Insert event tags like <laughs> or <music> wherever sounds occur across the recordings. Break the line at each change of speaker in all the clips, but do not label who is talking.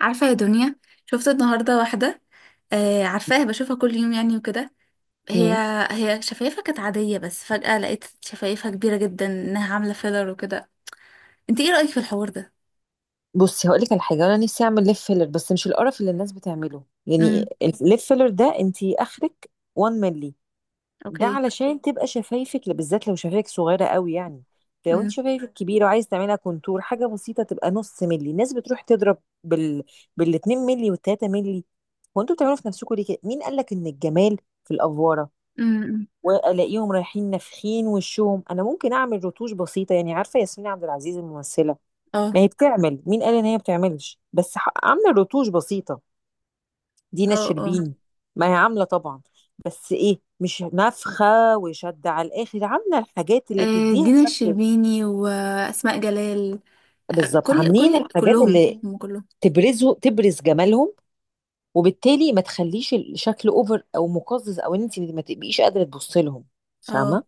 عارفة يا دنيا؟ شفت النهاردة واحدة، آه عارفاها، بشوفها كل يوم يعني وكده. هي
مم.
هي شفايفها كانت عادية، بس فجأة لقيت شفايفها كبيرة جدا، انها عاملة فيلر وكده. انت ايه رأيك في الحوار ده؟
بصي، هقول لك على حاجه. انا نفسي اعمل ليب فيلر، بس مش القرف اللي الناس بتعمله يعني.
امم
الليب فيلر ده انت اخرك 1 مللي، ده
اوكي.
علشان تبقى شفايفك، بالذات لو شفايفك صغيره قوي يعني. لو انت
امم
شفايفك كبيره وعايز تعملها كونتور حاجه بسيطه، تبقى نص مللي. الناس بتروح تضرب بال بال 2 مللي وال 3 مللي. وانتوا بتعملوا في نفسكم ليه كده؟ مين قال لك ان الجمال في الافواره؟
امم
والاقيهم رايحين نافخين وشهم. انا ممكن اعمل رتوش بسيطه يعني. عارفه ياسمين عبد العزيز الممثله؟
اه
ما هي بتعمل، مين قال ان هي بتعملش، بس عامله رتوش بسيطه. دينا
اه اه.
الشربيني، ما هي عامله طبعا، بس ايه؟ مش نفخه وشد على الاخر، عامله الحاجات اللي
آه،
تديها
دينا
شكل.
الشربيني وأسماء جلال. آه،
بالظبط،
كل
عاملين
كل
الحاجات
كلهم،
اللي
كلهم.
تبرزه، تبرز جمالهم، وبالتالي ما تخليش الشكل اوفر او مقزز او ان انت ما تبقيش قادره تبص لهم.
اه،
فاهمه؟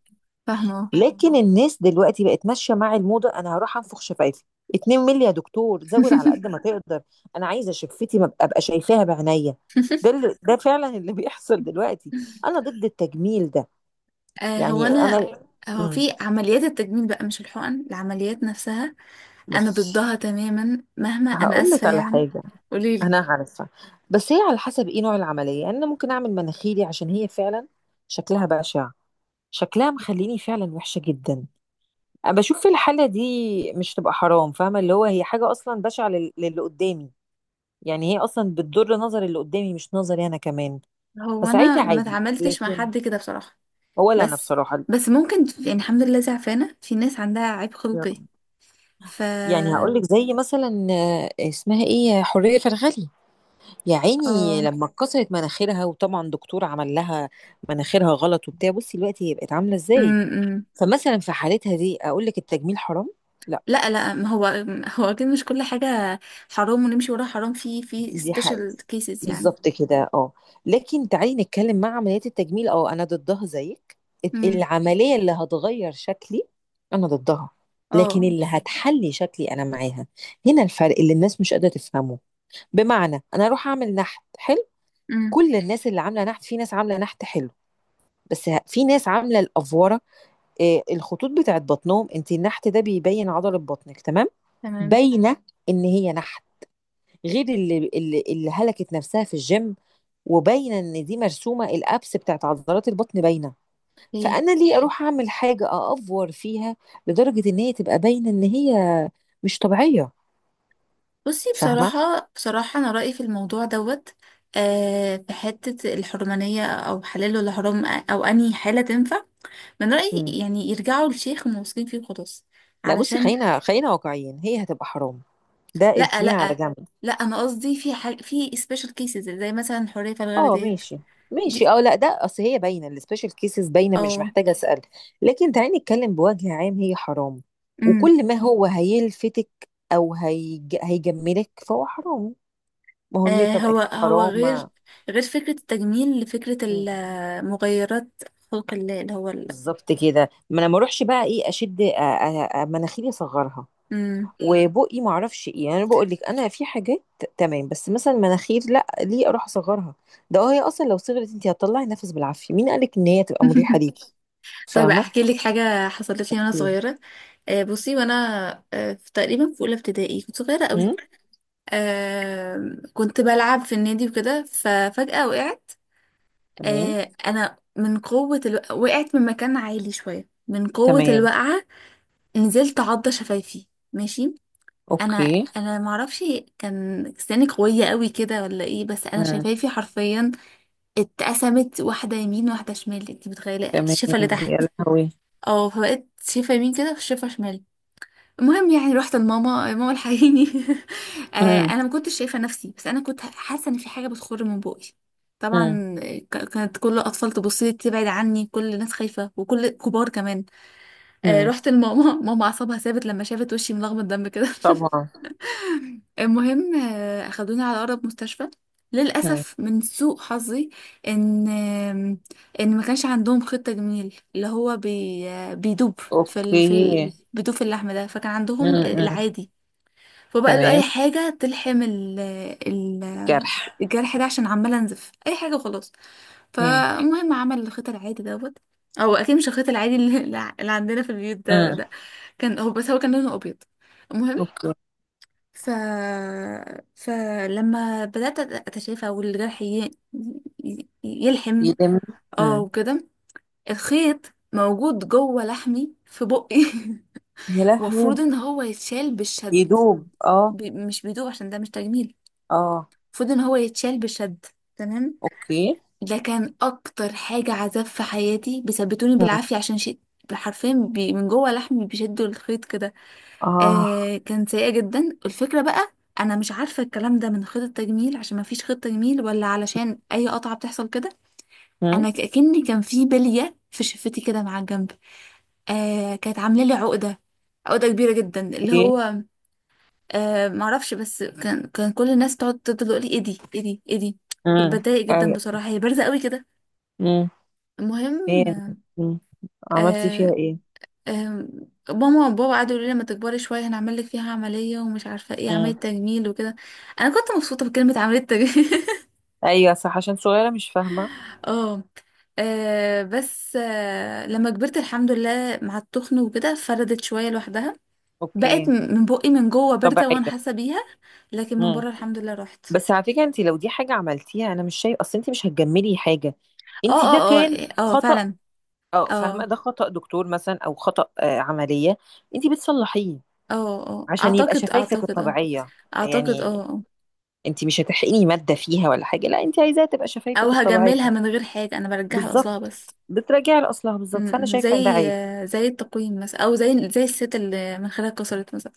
فاهمة، اه.
لكن الناس دلوقتي بقت ماشيه مع الموضه، انا هروح انفخ شفايفي 2 مللي يا دكتور، زود على قد ما <laughs> تقدر. انا عايزه شفتي ما ابقى شايفاها بعينيا. ده فعلا اللي <laughs> بيحصل دلوقتي. انا ضد التجميل ده.
<laughs> آه، هو
يعني
انا،
انا.
هو
امم
في عمليات التجميل بقى، مش الحقن، العمليات نفسها. انا
بص،
ضدها تماما مهما، انا
هقول لك
اسفه
على
يعني.
حاجه.
قوليلي.
انا عارفه، بس هي على حسب ايه نوع العمليه يعني. انا ممكن اعمل مناخيري عشان هي فعلا شكلها بشع، شكلها مخليني فعلا وحشه جدا. بشوف، في الحالة دي مش تبقى حرام، فاهمة؟ اللي هو هي حاجة أصلا بشعة للي قدامي، يعني هي أصلا بتضر نظر اللي قدامي، مش نظري أنا كمان.
هو انا
فساعتها
ما
عادي.
اتعاملتش مع
لكن
حد كده بصراحه.
هو لا، أنا
بس
بصراحة،
بس ممكن يعني، الحمد لله، زعفانه، في ناس عندها عيب خلقي. ف
يعني هقول لك. زي مثلا اسمها ايه، حورية فرغلي، يا عيني،
اه.
لما اتكسرت مناخيرها وطبعا دكتور عمل لها مناخيرها غلط وبتاع. بصي دلوقتي هي بقت عاملة ازاي.
امم.
فمثلا في حالتها دي أقول لك التجميل حرام؟ لا.
لا ما هو، هو اكيد مش كل حاجه حرام ونمشي وراها، حرام في
دي
سبيشال
حقيقة،
كيسز يعني.
بالظبط كده، اه. لكن تعالي نتكلم مع عمليات التجميل، اه انا ضدها زيك.
امم.
العملية اللي هتغير شكلي انا ضدها. لكن
اه.
اللي هتحلي شكلي انا معاها. هنا الفرق اللي الناس مش قادرة تفهمه. بمعنى انا اروح اعمل نحت حلو.
امم.
كل الناس اللي عاملة نحت، في ناس عاملة نحت حلو، في ناس عاملة الأفورة. إيه الخطوط بتاعت بطنهم؟ انت النحت ده بيبين عضلة بطنك، تمام،
تمام.
باينة ان هي نحت، غير اللي هلكت نفسها في الجيم وباينه ان دي مرسومه. الابس بتاعت عضلات البطن باينه،
اوكي.
فانا ليه اروح اعمل حاجه اافور فيها لدرجه ان هي تبقى باينه ان هي مش طبيعيه؟
بصي،
فاهمه؟
بصراحة، أنا رأيي في الموضوع دوت، آه، في حتة الحرمانية، أو حلال ولا حرام، أو أنهي حالة تنفع. من رأيي
مم.
يعني، يرجعوا للشيخ الموثوقين فيه وخلاص.
لا بصي،
علشان،
خلينا خلينا واقعيين، هي هتبقى حرام، ده
لأ
اركنيها على
لأ
جنب.
لأ، أنا قصدي في حاجة، في سبيشال كيسز، زي مثلا حرية الغير
اه
ديت.
ماشي. ماشي
دي.
اه، لا ده اصل هي باينه، السبيشال كيسز باينه، مش
اه.
محتاجه اسال. لكن تعالي نتكلم بوجه عام، هي حرام،
امم.
وكل ما هو هيلفتك او هيجملك فهو حرام. ما هو
آه،
الميك اب
هو
اكيد
هو
حرام.
غير، غير فكرة التجميل لفكرة
مم.
المغيرات، خلق الله، اللي هو ال...
بالظبط كده. ما انا ما اروحش بقى ايه اشد مناخيري، اصغرها.
امم.
مم. وبقي ما اعرفش ايه يعني. انا بقول لك، انا في حاجات تمام، بس مثلا مناخير لا، ليه اروح اصغرها؟ ده هي اصلا لو صغرت انت هتطلعي نفس بالعافيه، مين قالك ان هي تبقى مريحه
<laughs>
ليكي؟
طيب
فاهمه؟
احكي لك حاجه حصلت لي وانا صغيره. آه، بصي. آه، في تقريبا، في اولى ابتدائي، كنت صغيره قوي.
امم.
آه، كنت بلعب في النادي وكده، ففجاه وقعت.
تمام.
آه، انا من وقعت من مكان عالي شويه، من قوه
تمام.
الوقعه نزلت عضه شفايفي. ماشي. انا
اوكي.
انا ما اعرفش، كان سناني قويه قوي كده ولا ايه، بس انا
امم.
شفايفي حرفيا اتقسمت، واحده يمين واحده شمال. انت متخيله
تمام.
الشفه اللي
يا
تحت؟
لهوي.
اه، فبقت شفه يمين كده وشفه شمال. المهم يعني رحت لماما، ماما الحقيني. <laughs> آه،
امم.
انا ما كنتش شايفه نفسي، بس انا كنت حاسه ان في حاجه بتخر من بقي.
امم.
طبعا. كانت كل الاطفال تبص لي، تبعد عني، كل الناس خايفه وكل كبار كمان. آه،
امم.
رحت لماما، <laughs> ماما اعصابها ثابت لما شافت وشي ملغمه دم كده. <laughs>
طبعا.
المهم، آه، اخدوني على اقرب مستشفى.
امم.
للاسف من سوء حظي، ان آم، ان ما كانش عندهم خطه جميل، اللي هو بي آه، بيدوب في
اوكي.
بيدوب في اللحم ده، فكان عندهم
امم. امم.
العادي. فبقى قال له
تمام.
اي حاجه تلحم ال ال
الجرح.
الجرح ده، عشان عماله انزف، اي حاجه خلاص.
امم.
فالمهم عمل الخيط العادي دوت. او اكيد مش الخيط العادي اللي <laughs> اللي عندنا في البيوت ده
امم.
ده كان هو، بس هو كان لونه ابيض. المهم،
اوكي.
ف فلما بدات اتشافى والجرح يلحم،
يدم.
اه وكده، الخيط موجود جوه لحمي في بقي.
يا
<laughs>
لهوي.
المفروض ان هو يتشال بالشد،
يدوب اه.
مش بيدوب عشان ده مش تجميل،
اه.
المفروض ان هو يتشال بشد. تمام.
اوكي.
ده كان اكتر حاجة عذاب في حياتي، بيثبتوني
مم.
بالعافية عشان شيء، حرفيا من جوه لحمي بيشدوا الخيط كده.
اه.
آه، كان سيئة جدا الفكرة بقى. انا مش عارفة الكلام ده من خيط التجميل عشان ما فيش خيط تجميل، ولا علشان اي قطعة بتحصل كده.
مم.
انا كأني كان في بلية في شفتي كده، مع الجنب. آه، كانت عاملة لي عقدة، عقدة كبيرة جدا، اللي
ايه.
هو، آه، معرفش، بس كان كل الناس تقعد تفضل تقول لي ايه دي ايه دي ايه دي. كنت
مم.
بتضايق جدا
أيوة.
بصراحه، هي بارزه قوي كده.
مم.
المهم،
فين؟ مم. عملتي فيها
آه
ايه؟
آه ماما وبابا قعدوا يقولوا لي لما تكبري شويه هنعمل لك فيها عمليه، ومش عارفه ايه، عمليه
مم.
تجميل وكده. انا كنت مبسوطه بكلمه عمليه تجميل. <laughs>
ايوه صح، عشان صغيره مش فاهمه.
اه. آه، بس آه، لما كبرت، الحمد لله، مع التخن وكده، فردت شويه لوحدها. بقت
اوكي.
من بقي من جوه بارزه وانا
طبيعيه.
حاسه بيها، لكن من
مم.
بره الحمد لله راحت.
بس على فكره، انت لو دي حاجه عملتيها، انا مش شايف، اصل انت مش هتجملي حاجه،
اه
انت ده
اه
كان
اه اه،
خطأ.
فعلا.
اه
اه
فاهمه، ده خطأ دكتور مثلا، او خطأ عمليه انت بتصلحيه
اه اه،
عشان يبقى
اعتقد
شفايفك
اعتقد اه.
الطبيعيه
اه
يعني.
اه.
انت مش هتحرقي مادة فيها ولا حاجة، لا، انت عايزاها تبقى
او
شفايفك
هجملها
الطبيعية.
من غير حاجة، انا برجعها لاصلها
بالظبط،
بس.
بتراجعي لأصلها
م-
بالظبط، فأنا
م.
شايفة ان ده
زي
عادي.
آه، زي التقويم مثلا، او زي الست اللي مناخيرها اتكسرت مثلا.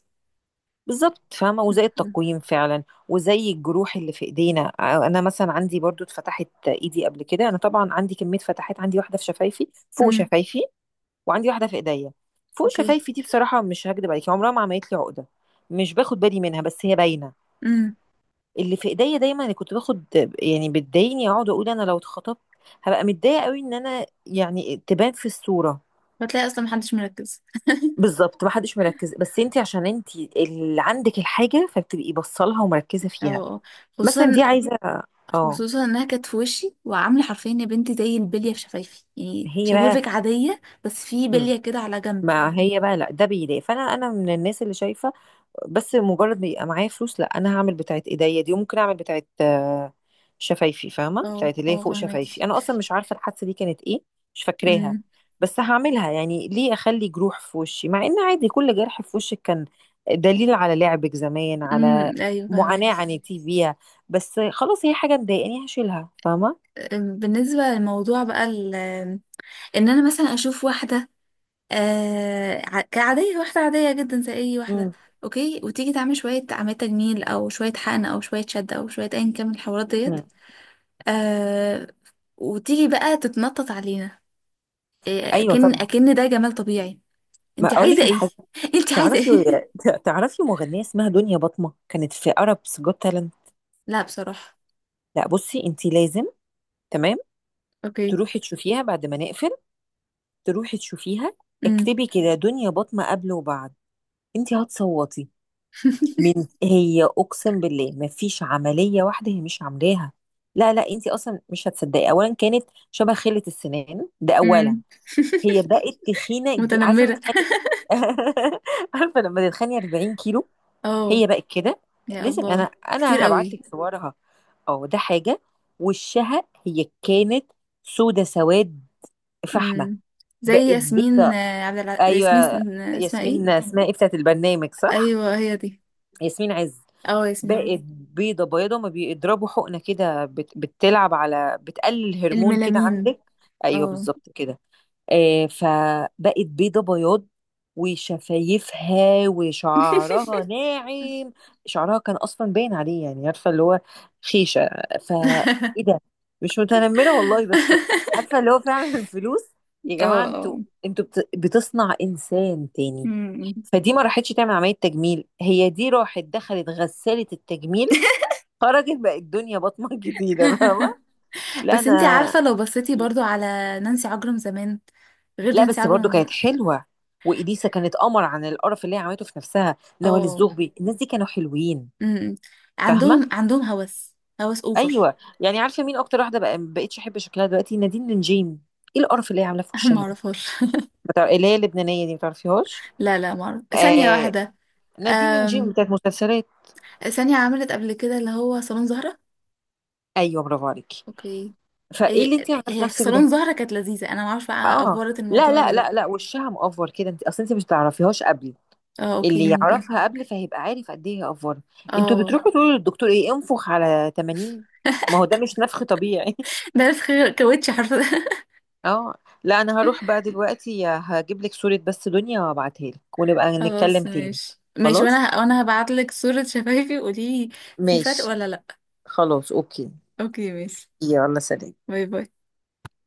بالظبط، فاهمة؟ وزي
م-
التقويم فعلا، وزي الجروح اللي في ايدينا. انا مثلا عندي برضو اتفتحت ايدي قبل كده، انا طبعا عندي كمية فتحات، عندي واحدة في شفايفي
م.
فوق
م.
شفايفي، وعندي واحدة في ايديا. فوق
اوكي.
شفايفي دي بصراحة مش هكدب عليكي، عمرها ما عملت لي عقدة، مش باخد بالي منها، بس هي باينة.
م.
اللي في ايديا دايما اللي كنت باخد، يعني بتضايقني، اقعد اقول انا لو اتخطبت هبقى متضايقه قوي ان انا يعني تبان في الصوره.
بتلاقي اصلا محدش مركز.
بالظبط، ما حدش مركز، بس انت عشان انت اللي عندك الحاجه فبتبقي بصلها ومركزه
اه
فيها.
اه.
مثلا
خصوصا،
دي عايزه. اه،
خصوصا انها كانت في وشي، وعامله حرفيا يا بنتي زي البليه في شفايفي، يعني
هي بقى.
شفايفك عاديه بس في
مم.
بليه كده على جنب.
ما هي بقى، لا ده بيضايق، فانا من الناس اللي شايفه، بس مجرد ما يبقى معايا فلوس، لا انا هعمل بتاعت ايديا دي، وممكن اعمل بتاعت شفايفي، فاهمه؟
اه
بتاعت اللي هي
اه،
فوق
فهماكي.
شفايفي، انا اصلا مش عارفه الحادثه دي كانت ايه، مش فاكراها.
امم.
بس هعملها يعني، ليه اخلي جروح في وشي مع ان عادي كل جرح في وشك كان دليل على لعبك زمان، على
امم، ايوه
معاناه
فهماكي.
عانيتي فيها، بس خلاص هي حاجه مضايقاني، هشيلها، فاهمه؟
بالنسبة للموضوع بقى ان انا مثلا اشوف واحدة، آه، كعادية، واحدة عادية جدا زي اي واحدة،
مم.
اوكي، وتيجي تعمل شوية عملية تجميل، او شوية حقن، او شوية شد، او شوية ايا كان من الحوارات ديت،
مم.
آه، وتيجي بقى تتنطط علينا، آه،
ايوه
اكن
طبعا.
اكن ده جمال طبيعي.
ما
انت
اقول
عايزة
لك على
ايه؟
حاجه.
<laughs> انت عايزة
تعرفي،
ايه؟
تعرفي مغنيه اسمها دنيا بطمه، كانت في عرب جوت تالنت؟
<laughs> لا بصراحة.
لا بصي انت لازم، تمام،
اوكي.
تروحي تشوفيها بعد ما نقفل، تروحي تشوفيها.
امم.
اكتبي كده دنيا بطمة قبل وبعد، انت هتصوتي
<laughs>
من. هي اقسم بالله مفيش عملية واحدة هي مش عاملاها. لا لا، انت اصلا مش هتصدقي، اولا كانت شبه خلة السنان ده اولا.
امم.
هي بقت تخينة عارفة،
متنمرة.
بتخني <laughs> عارفة، لما تتخني 40 كيلو.
<laughs> اه.
هي بقت كده،
يا
لازم
الله،
انا
كتير
انا هبعت
قوي.
لك صورها. اه ده حاجة. وشها هي كانت سودة، سواد فحم.
امم. زي
بقت
ياسمين
بيضة.
آه، ياسمين
ايوه
آه، اسمها ايه؟
ياسمين اسمها ايه بتاعت البرنامج، صح.
ايوه هي دي.
ياسمين عز.
اه ياسمين
بقت
عز.
بيضة بيضة، ما بيضربوا حقنة كده بتلعب على، بتقلل هرمون كده
الملامين.
عندك. ايوه
اه.
بالظبط كده. فبقت بيضة بياض، وشفايفها، وشعرها ناعم.
<laughs>
شعرها كان اصلا باين عليه، يعني عارفه اللي هو خيشه. ف ايه ده؟ مش متنمره والله، بس عارفه اللي هو فعلا <laughs> الفلوس. يا
اه
جماعه انتوا،
اه.
انتوا بتصنع انسان تاني.
أمم.
فدي ما راحتش تعمل عمليه تجميل، هي دي راحت دخلت غساله التجميل،
<laughs>
خرجت بقت الدنيا بطمه <laughs> جديده، فاهمه؟ لا
بس انتي
انا.
عارفة لو بصيتي برضو على نانسي عجرم زمان غير
لا
نانسي
بس برضو
عجرم
كانت
دلوقتي.
حلوه، واليسا كانت قمر عن القرف اللي هي عملته في نفسها، نوال
اه.
الزغبي، الناس دي كانوا حلوين.
أمم.
فاهمه؟
عندهم هوس، هوس اوفر.
ايوه يعني عارفه مين اكتر واحده بقى ما بقتش احب شكلها دلوقتي؟ نادين نجيم. ايه القرف اللي هي عاملاه في
<laughs> ما
وشها ده؟
اعرفهاش.
اللي هي اللبنانيه دي، ما تعرفيهاش؟
لا لا، ما اعرف، ثانية
آه،
واحدة.
نادين نجيم
أم...
بتاعت مسلسلات.
ثانية، عملت قبل كده اللي هو صالون زهرة.
ايوه برافو عليكي.
اوكي.
فايه اللي
إيه،
انت عملت
هي في
نفسك
صالون
ده؟
زهرة كانت لذيذة، انا ما اعرفش بقى
اه
افورت
لا
الموضوع ولا
لا
لا.
لا لا، وشها مقفر كده، انت اصل انت مش تعرفيهاش قبل.
اه اوكي،
اللي
ممكن.
يعرفها قبل فهيبقى عارف قد ايه هي افوره. انتوا
اه.
بتروحوا تقولوا للدكتور ايه؟ انفخ على 80. ما
<laughs>
هو ده مش نفخ طبيعي <laughs>
ده في خير- كاوتش حرفيا.
اه، لا انا هروح بقى دلوقتي، هجيب لك صورة بس دنيا وابعتها لك
<laughs>
ونبقى نتكلم
خلاص
تاني.
ماشي، ماشي،
خلاص
وانا هبعت لك صورة شفايفي قولي لي في فرق
ماشي.
ولا لا.
خلاص اوكي.
اوكي ماشي.
يلا سلام.
باي باي.